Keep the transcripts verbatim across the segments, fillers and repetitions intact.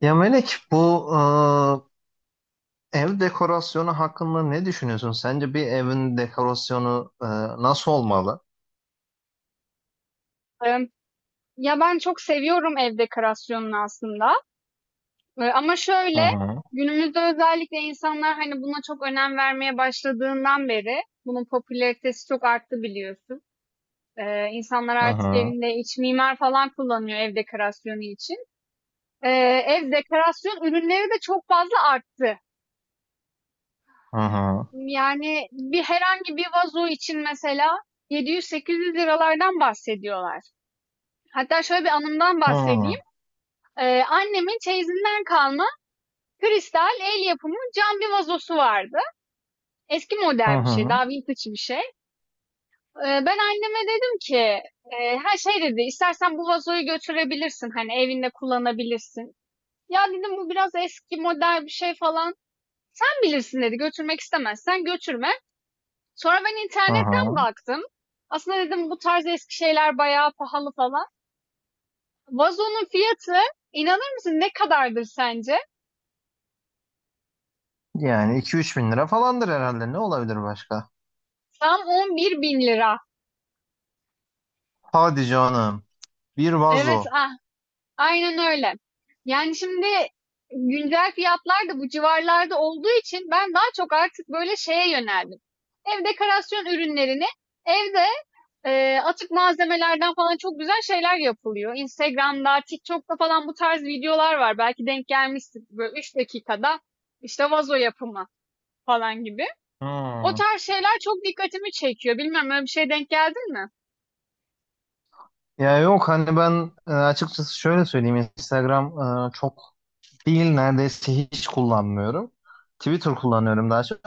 Ya Melek bu e, ev dekorasyonu hakkında ne düşünüyorsun? Sence bir evin dekorasyonu e, nasıl olmalı? Emm, ya, ben çok seviyorum ev dekorasyonunu aslında, eee, ama Hı şöyle, hı, günümüzde özellikle insanlar, hani, buna çok önem vermeye başladığından beri bunun popülaritesi çok arttı biliyorsun. Eee, insanlar hı artık hı, evinde iç mimar falan kullanıyor ev dekorasyonu için. Eee, ev dekorasyon ürünleri de çok fazla arttı. hı hı, Yani bir herhangi bir vazo için mesela ₺yedi yüz liralardan bahsediyorlar. Hatta şöyle bir anımdan hı hı, bahsedeyim. Eee, annemin çeyizinden kalma kristal el yapımı cam bir vazosu vardı. Eski hı model bir şey, hı, daha vintage bir şey. Ee, ben anneme dedim ki, e, her şey dedi, istersen bu vazoyu götürebilirsin, hani evinde kullanabilirsin. Ya dedim bu biraz eski model bir şey falan. Sen bilirsin dedi, götürmek istemezsen götürme. Sonra ben hı internetten hı. baktım. Aslında dedim bu tarz eski şeyler bayağı pahalı falan. Vazonun fiyatı inanır mısın ne kadardır sence? Yani iki üç bin lira falandır herhalde. Ne olabilir başka? Tam 11 bin lira. Hadi canım. Bir Evet, vazo. ah, aynen öyle. Yani şimdi güncel fiyatlar da bu civarlarda olduğu için ben daha çok artık böyle şeye yöneldim. Ev dekorasyon ürünlerini evde e, atık malzemelerden falan çok güzel şeyler yapılıyor. Instagram'da, TikTok'ta falan bu tarz videolar var. Belki denk gelmişsin böyle üç dakikada işte vazo yapımı falan gibi. O Hı. tarz şeyler çok dikkatimi çekiyor. Bilmem öyle bir şey denk geldin mi? Ya yok hani ben e, açıkçası şöyle söyleyeyim. Instagram e, çok değil neredeyse hiç kullanmıyorum. Twitter kullanıyorum daha çok.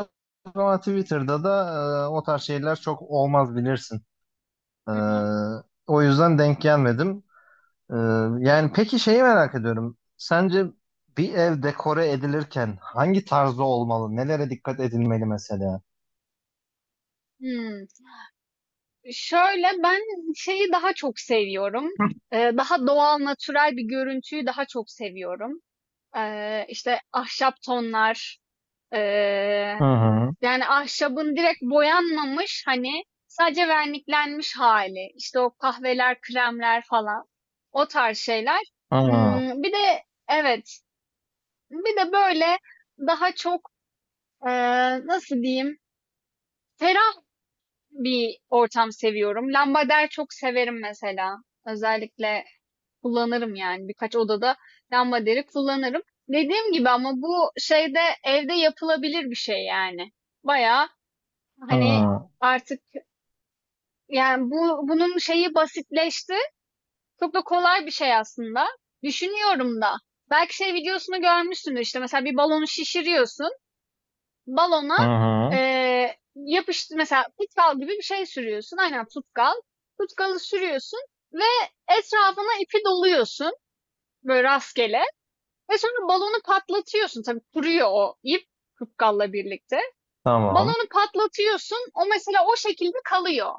Ama Twitter'da da e, o tarz şeyler çok olmaz bilirsin. E, Hı hı. o yüzden denk gelmedim. E, yani peki şeyi merak ediyorum. Sence bir ev dekore edilirken hangi tarzda olmalı? Nelere dikkat edilmeli mesela? Hmm. Şöyle, ben şeyi daha çok seviyorum. Eee, daha doğal, natürel bir görüntüyü daha çok seviyorum. Eee, işte ahşap tonlar, Hı eee, hı. yani ahşabın direkt boyanmamış hani sadece verniklenmiş hali. İşte o kahveler, kremler falan. O tarz şeyler. Hı hı. Hmm, bir de evet, bir de böyle daha çok eee, nasıl diyeyim? Ferah bir ortam seviyorum. Lambader çok severim mesela. Özellikle kullanırım yani birkaç odada lambaderi kullanırım. Dediğim gibi ama bu şeyde evde yapılabilir bir şey yani. Bayağı hani Hı artık yani bu bunun şeyi basitleşti. Çok da kolay bir şey aslında. Düşünüyorum da. Belki şey videosunu görmüşsündür işte mesela bir balonu şişiriyorsun. Balona hı. Hı. eee yapıştı mesela tutkal gibi bir şey sürüyorsun. Aynen tutkal. Tutkalı sürüyorsun ve etrafına ipi doluyorsun böyle rastgele ve sonra balonu patlatıyorsun. Tabii kuruyor o ip tutkalla birlikte. Tamam. Balonu patlatıyorsun. O mesela o şekilde kalıyor.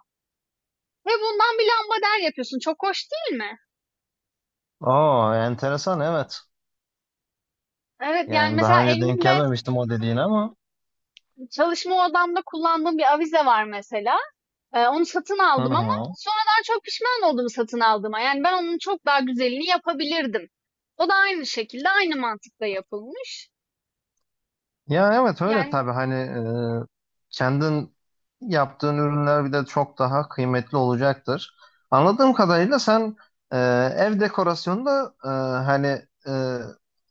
Ve bundan bir lambader yapıyorsun. Çok hoş değil mi? Oo, enteresan evet. Evet yani Yani daha mesela önce denk evimde gelmemiştim o dediğine ama. çalışma odamda kullandığım bir avize var mesela. Eee, onu satın Hı aldım ama hı. sonradan çok pişman oldum satın aldığıma. Yani ben onun çok daha güzelini yapabilirdim. O da aynı şekilde, aynı mantıkla yapılmış. Ya evet öyle tabii Yani hani e, kendin yaptığın ürünler bir de çok daha kıymetli olacaktır. Anladığım kadarıyla sen e, ev dekorasyonunda e, hani e,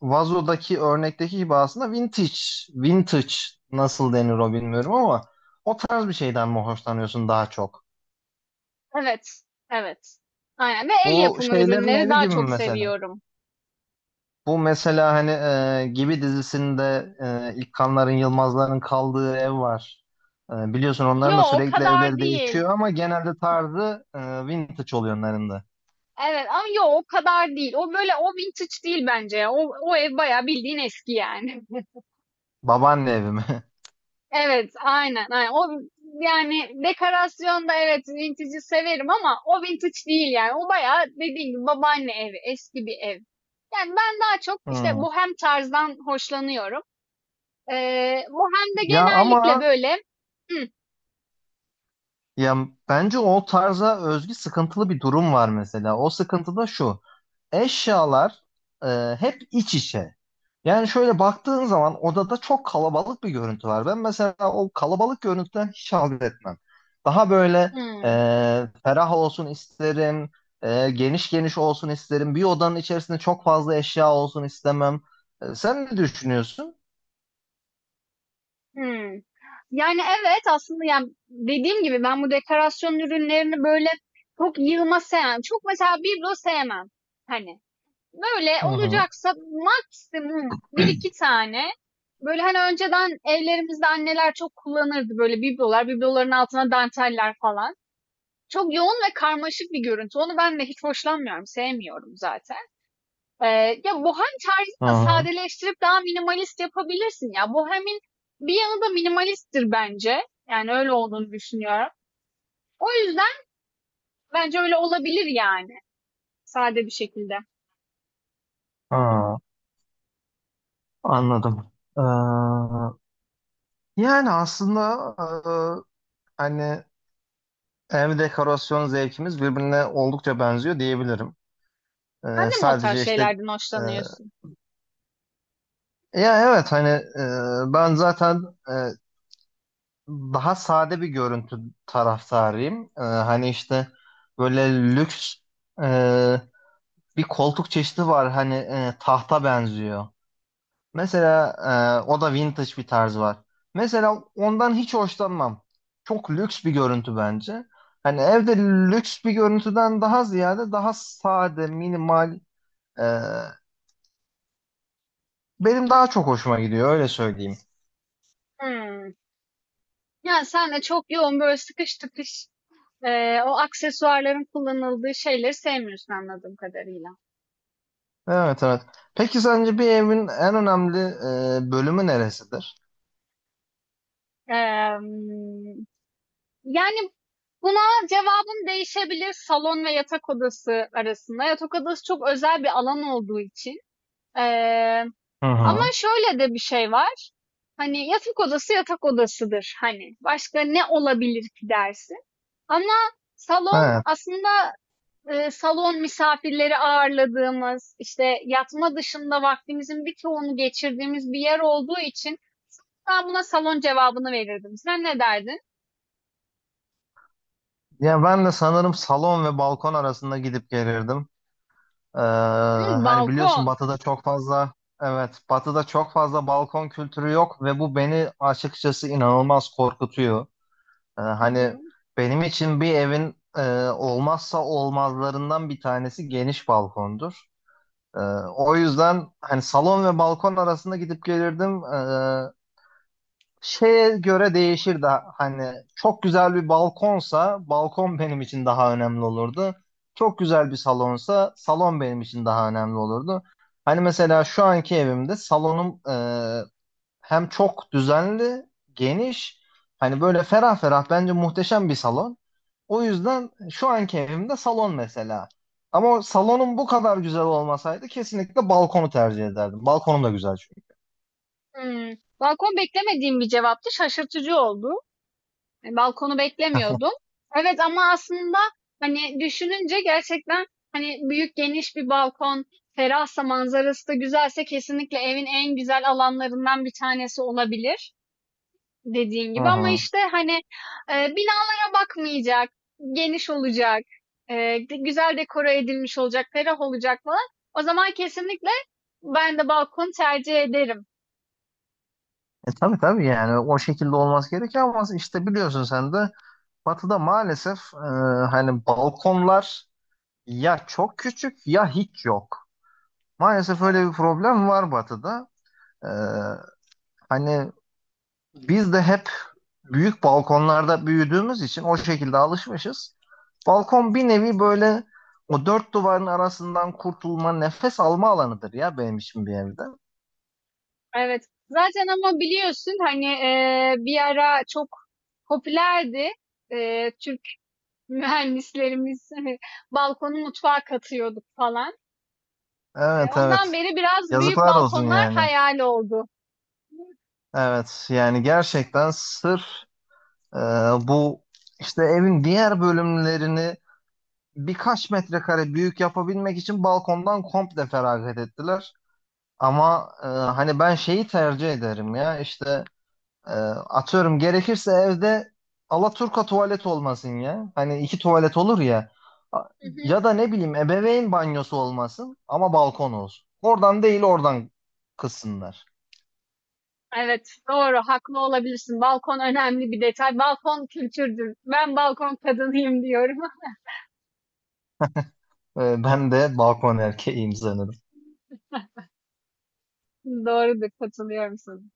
vazodaki örnekteki gibi aslında vintage, vintage nasıl denir o bilmiyorum ama o tarz bir şeyden mi hoşlanıyorsun daha çok? evet, evet. Aynen. Ve el Bu yapımı şeylerin ürünleri evi daha gibi mi çok mesela? seviyorum. Bu mesela hani e, Gibi dizisinde e, İlkanların, Yılmazların kaldığı ev var. E, biliyorsun Yo, onların da o sürekli kadar evleri değil. değişiyor ama genelde tarzı e, vintage oluyor onların da. Evet ama yo o kadar değil. O böyle o vintage değil bence ya. O, o ev bayağı bildiğin eski yani. Babaanne evi mi? Evet, aynen, aynen. O yani dekorasyonda evet vintage'i severim ama o vintage değil yani. O bayağı dediğim gibi babaanne evi, eski bir ev. Yani ben daha çok işte Hmm. bohem tarzdan hoşlanıyorum. Ee, bohemde Ya genellikle ama böyle hmm, ya bence o tarza özgü sıkıntılı bir durum var mesela. O sıkıntı da şu. Eşyalar e, hep iç içe. Yani şöyle baktığın zaman odada çok kalabalık bir görüntü var. Ben mesela o kalabalık görüntüden hiç haz etmem. Daha böyle e, hmm, ferah olsun isterim, e, geniş geniş olsun isterim. Bir odanın içerisinde çok fazla eşya olsun istemem. E, sen ne düşünüyorsun? hmm. Yani evet aslında yani dediğim gibi ben bu dekorasyon ürünlerini böyle çok yığma sevmem. Çok mesela biblo sevmem. Hani böyle Hı hı, olacaksa maksimum bir iki tane böyle hani önceden evlerimizde anneler çok kullanırdı böyle biblolar, bibloların altına danteller falan. Çok yoğun ve karmaşık bir görüntü. Onu ben de hiç hoşlanmıyorum, sevmiyorum zaten. Ee, Ya bohem tarzını hı da hı, sadeleştirip daha minimalist yapabilirsin ya. Bohemin bir yanı da minimalisttir bence. Yani öyle olduğunu düşünüyorum. O yüzden bence öyle olabilir yani. Sade bir şekilde. hı. Anladım. Ee, yani aslında e, hani ev dekorasyon zevkimiz birbirine oldukça benziyor diyebilirim. Sen Ee, de mi o tarz sadece işte şeylerden hoşlanıyorsun? e, ya evet hani e, ben zaten e, daha sade bir görüntü taraftarıyım. E, hani işte böyle lüks e, bir koltuk çeşidi var hani e, tahta benziyor. Mesela e, o da vintage bir tarz var. Mesela ondan hiç hoşlanmam. Çok lüks bir görüntü bence. Hani evde lüks bir görüntüden daha ziyade daha sade, minimal. e, benim daha çok hoşuma gidiyor öyle söyleyeyim. Hmm. Ya sen de çok yoğun böyle sıkış tıkış eee, o aksesuarların kullanıldığı şeyleri sevmiyorsun anladığım kadarıyla. Evet, evet. Peki sence bir evin en önemli e, bölümü neresidir? Eee, Yani buna cevabım değişebilir salon ve yatak odası arasında. Yatak odası çok özel bir alan olduğu için. Eee, Hı Ama hı. şöyle de bir şey var. Hani yatak odası yatak odasıdır. Hani başka ne olabilir ki dersin. Ama salon Evet. aslında eee, salon misafirleri ağırladığımız, işte yatma dışında vaktimizin bir çoğunu geçirdiğimiz bir yer olduğu için ben buna salon cevabını verirdim. Sen ne derdin? Ya ben de sanırım salon ve balkon arasında gidip gelirdim. Ee, Hmm, hani biliyorsun balkon. Batı'da çok fazla evet Batı'da çok fazla balkon kültürü yok ve bu beni açıkçası inanılmaz korkutuyor. Ee, Hı hani hı. benim için bir evin e, olmazsa olmazlarından bir tanesi geniş balkondur. Ee, o yüzden hani salon ve balkon arasında gidip gelirdim. Ee, şeye göre değişir de hani çok güzel bir balkonsa balkon benim için daha önemli olurdu. Çok güzel bir salonsa salon benim için daha önemli olurdu. Hani mesela şu anki evimde salonum e, hem çok düzenli, geniş, hani böyle ferah ferah bence muhteşem bir salon. O yüzden şu anki evimde salon mesela. Ama o salonum bu kadar güzel olmasaydı kesinlikle balkonu tercih ederdim. Balkonum da güzel çünkü. Hmm. Balkon beklemediğim bir cevaptı. Şaşırtıcı oldu. Yani balkonu beklemiyordum. Evet ama aslında hani düşününce gerçekten hani büyük geniş bir balkon, ferahsa manzarası da güzelse kesinlikle evin en güzel alanlarından bir tanesi olabilir. Dediğin Hı gibi ama hı. işte hani e, binalara bakmayacak, geniş olacak, e, de- güzel dekora edilmiş olacak, ferah olacak falan. O zaman kesinlikle ben de balkon tercih ederim. E, tabii tabii yani o şekilde olması gerekiyor ama işte biliyorsun sen de Batı'da maalesef e, hani balkonlar ya çok küçük ya hiç yok. Maalesef öyle bir problem var Batı'da. E, hani biz de hep büyük balkonlarda büyüdüğümüz için o şekilde alışmışız. Balkon bir nevi böyle o dört duvarın arasından kurtulma, nefes alma alanıdır ya benim için bir evde. Evet. Zaten ama biliyorsun hani e, bir ara çok popülerdi. E, Türk mühendislerimiz hani balkonu mutfağa katıyorduk falan. E, Evet, Ondan evet. beri biraz büyük Yazıklar olsun balkonlar yani. hayal oldu. Evet yani gerçekten sırf e, bu işte evin diğer bölümlerini birkaç metrekare büyük yapabilmek için balkondan komple feragat ettiler. Ama e, hani ben şeyi tercih ederim ya işte e, atıyorum gerekirse evde alaturka tuvalet olmasın ya. Hani iki tuvalet olur ya. A- Hı hı. Ya da ne bileyim ebeveyn banyosu olmasın ama balkon olsun. Oradan değil oradan kızsınlar. Evet, doğru, haklı olabilirsin. Balkon önemli bir detay. Balkon kültürdür. Ben balkon kadınıyım diyorum. E, ben de balkon erkeğiyim sanırım. Doğrudur, katılıyorum sana.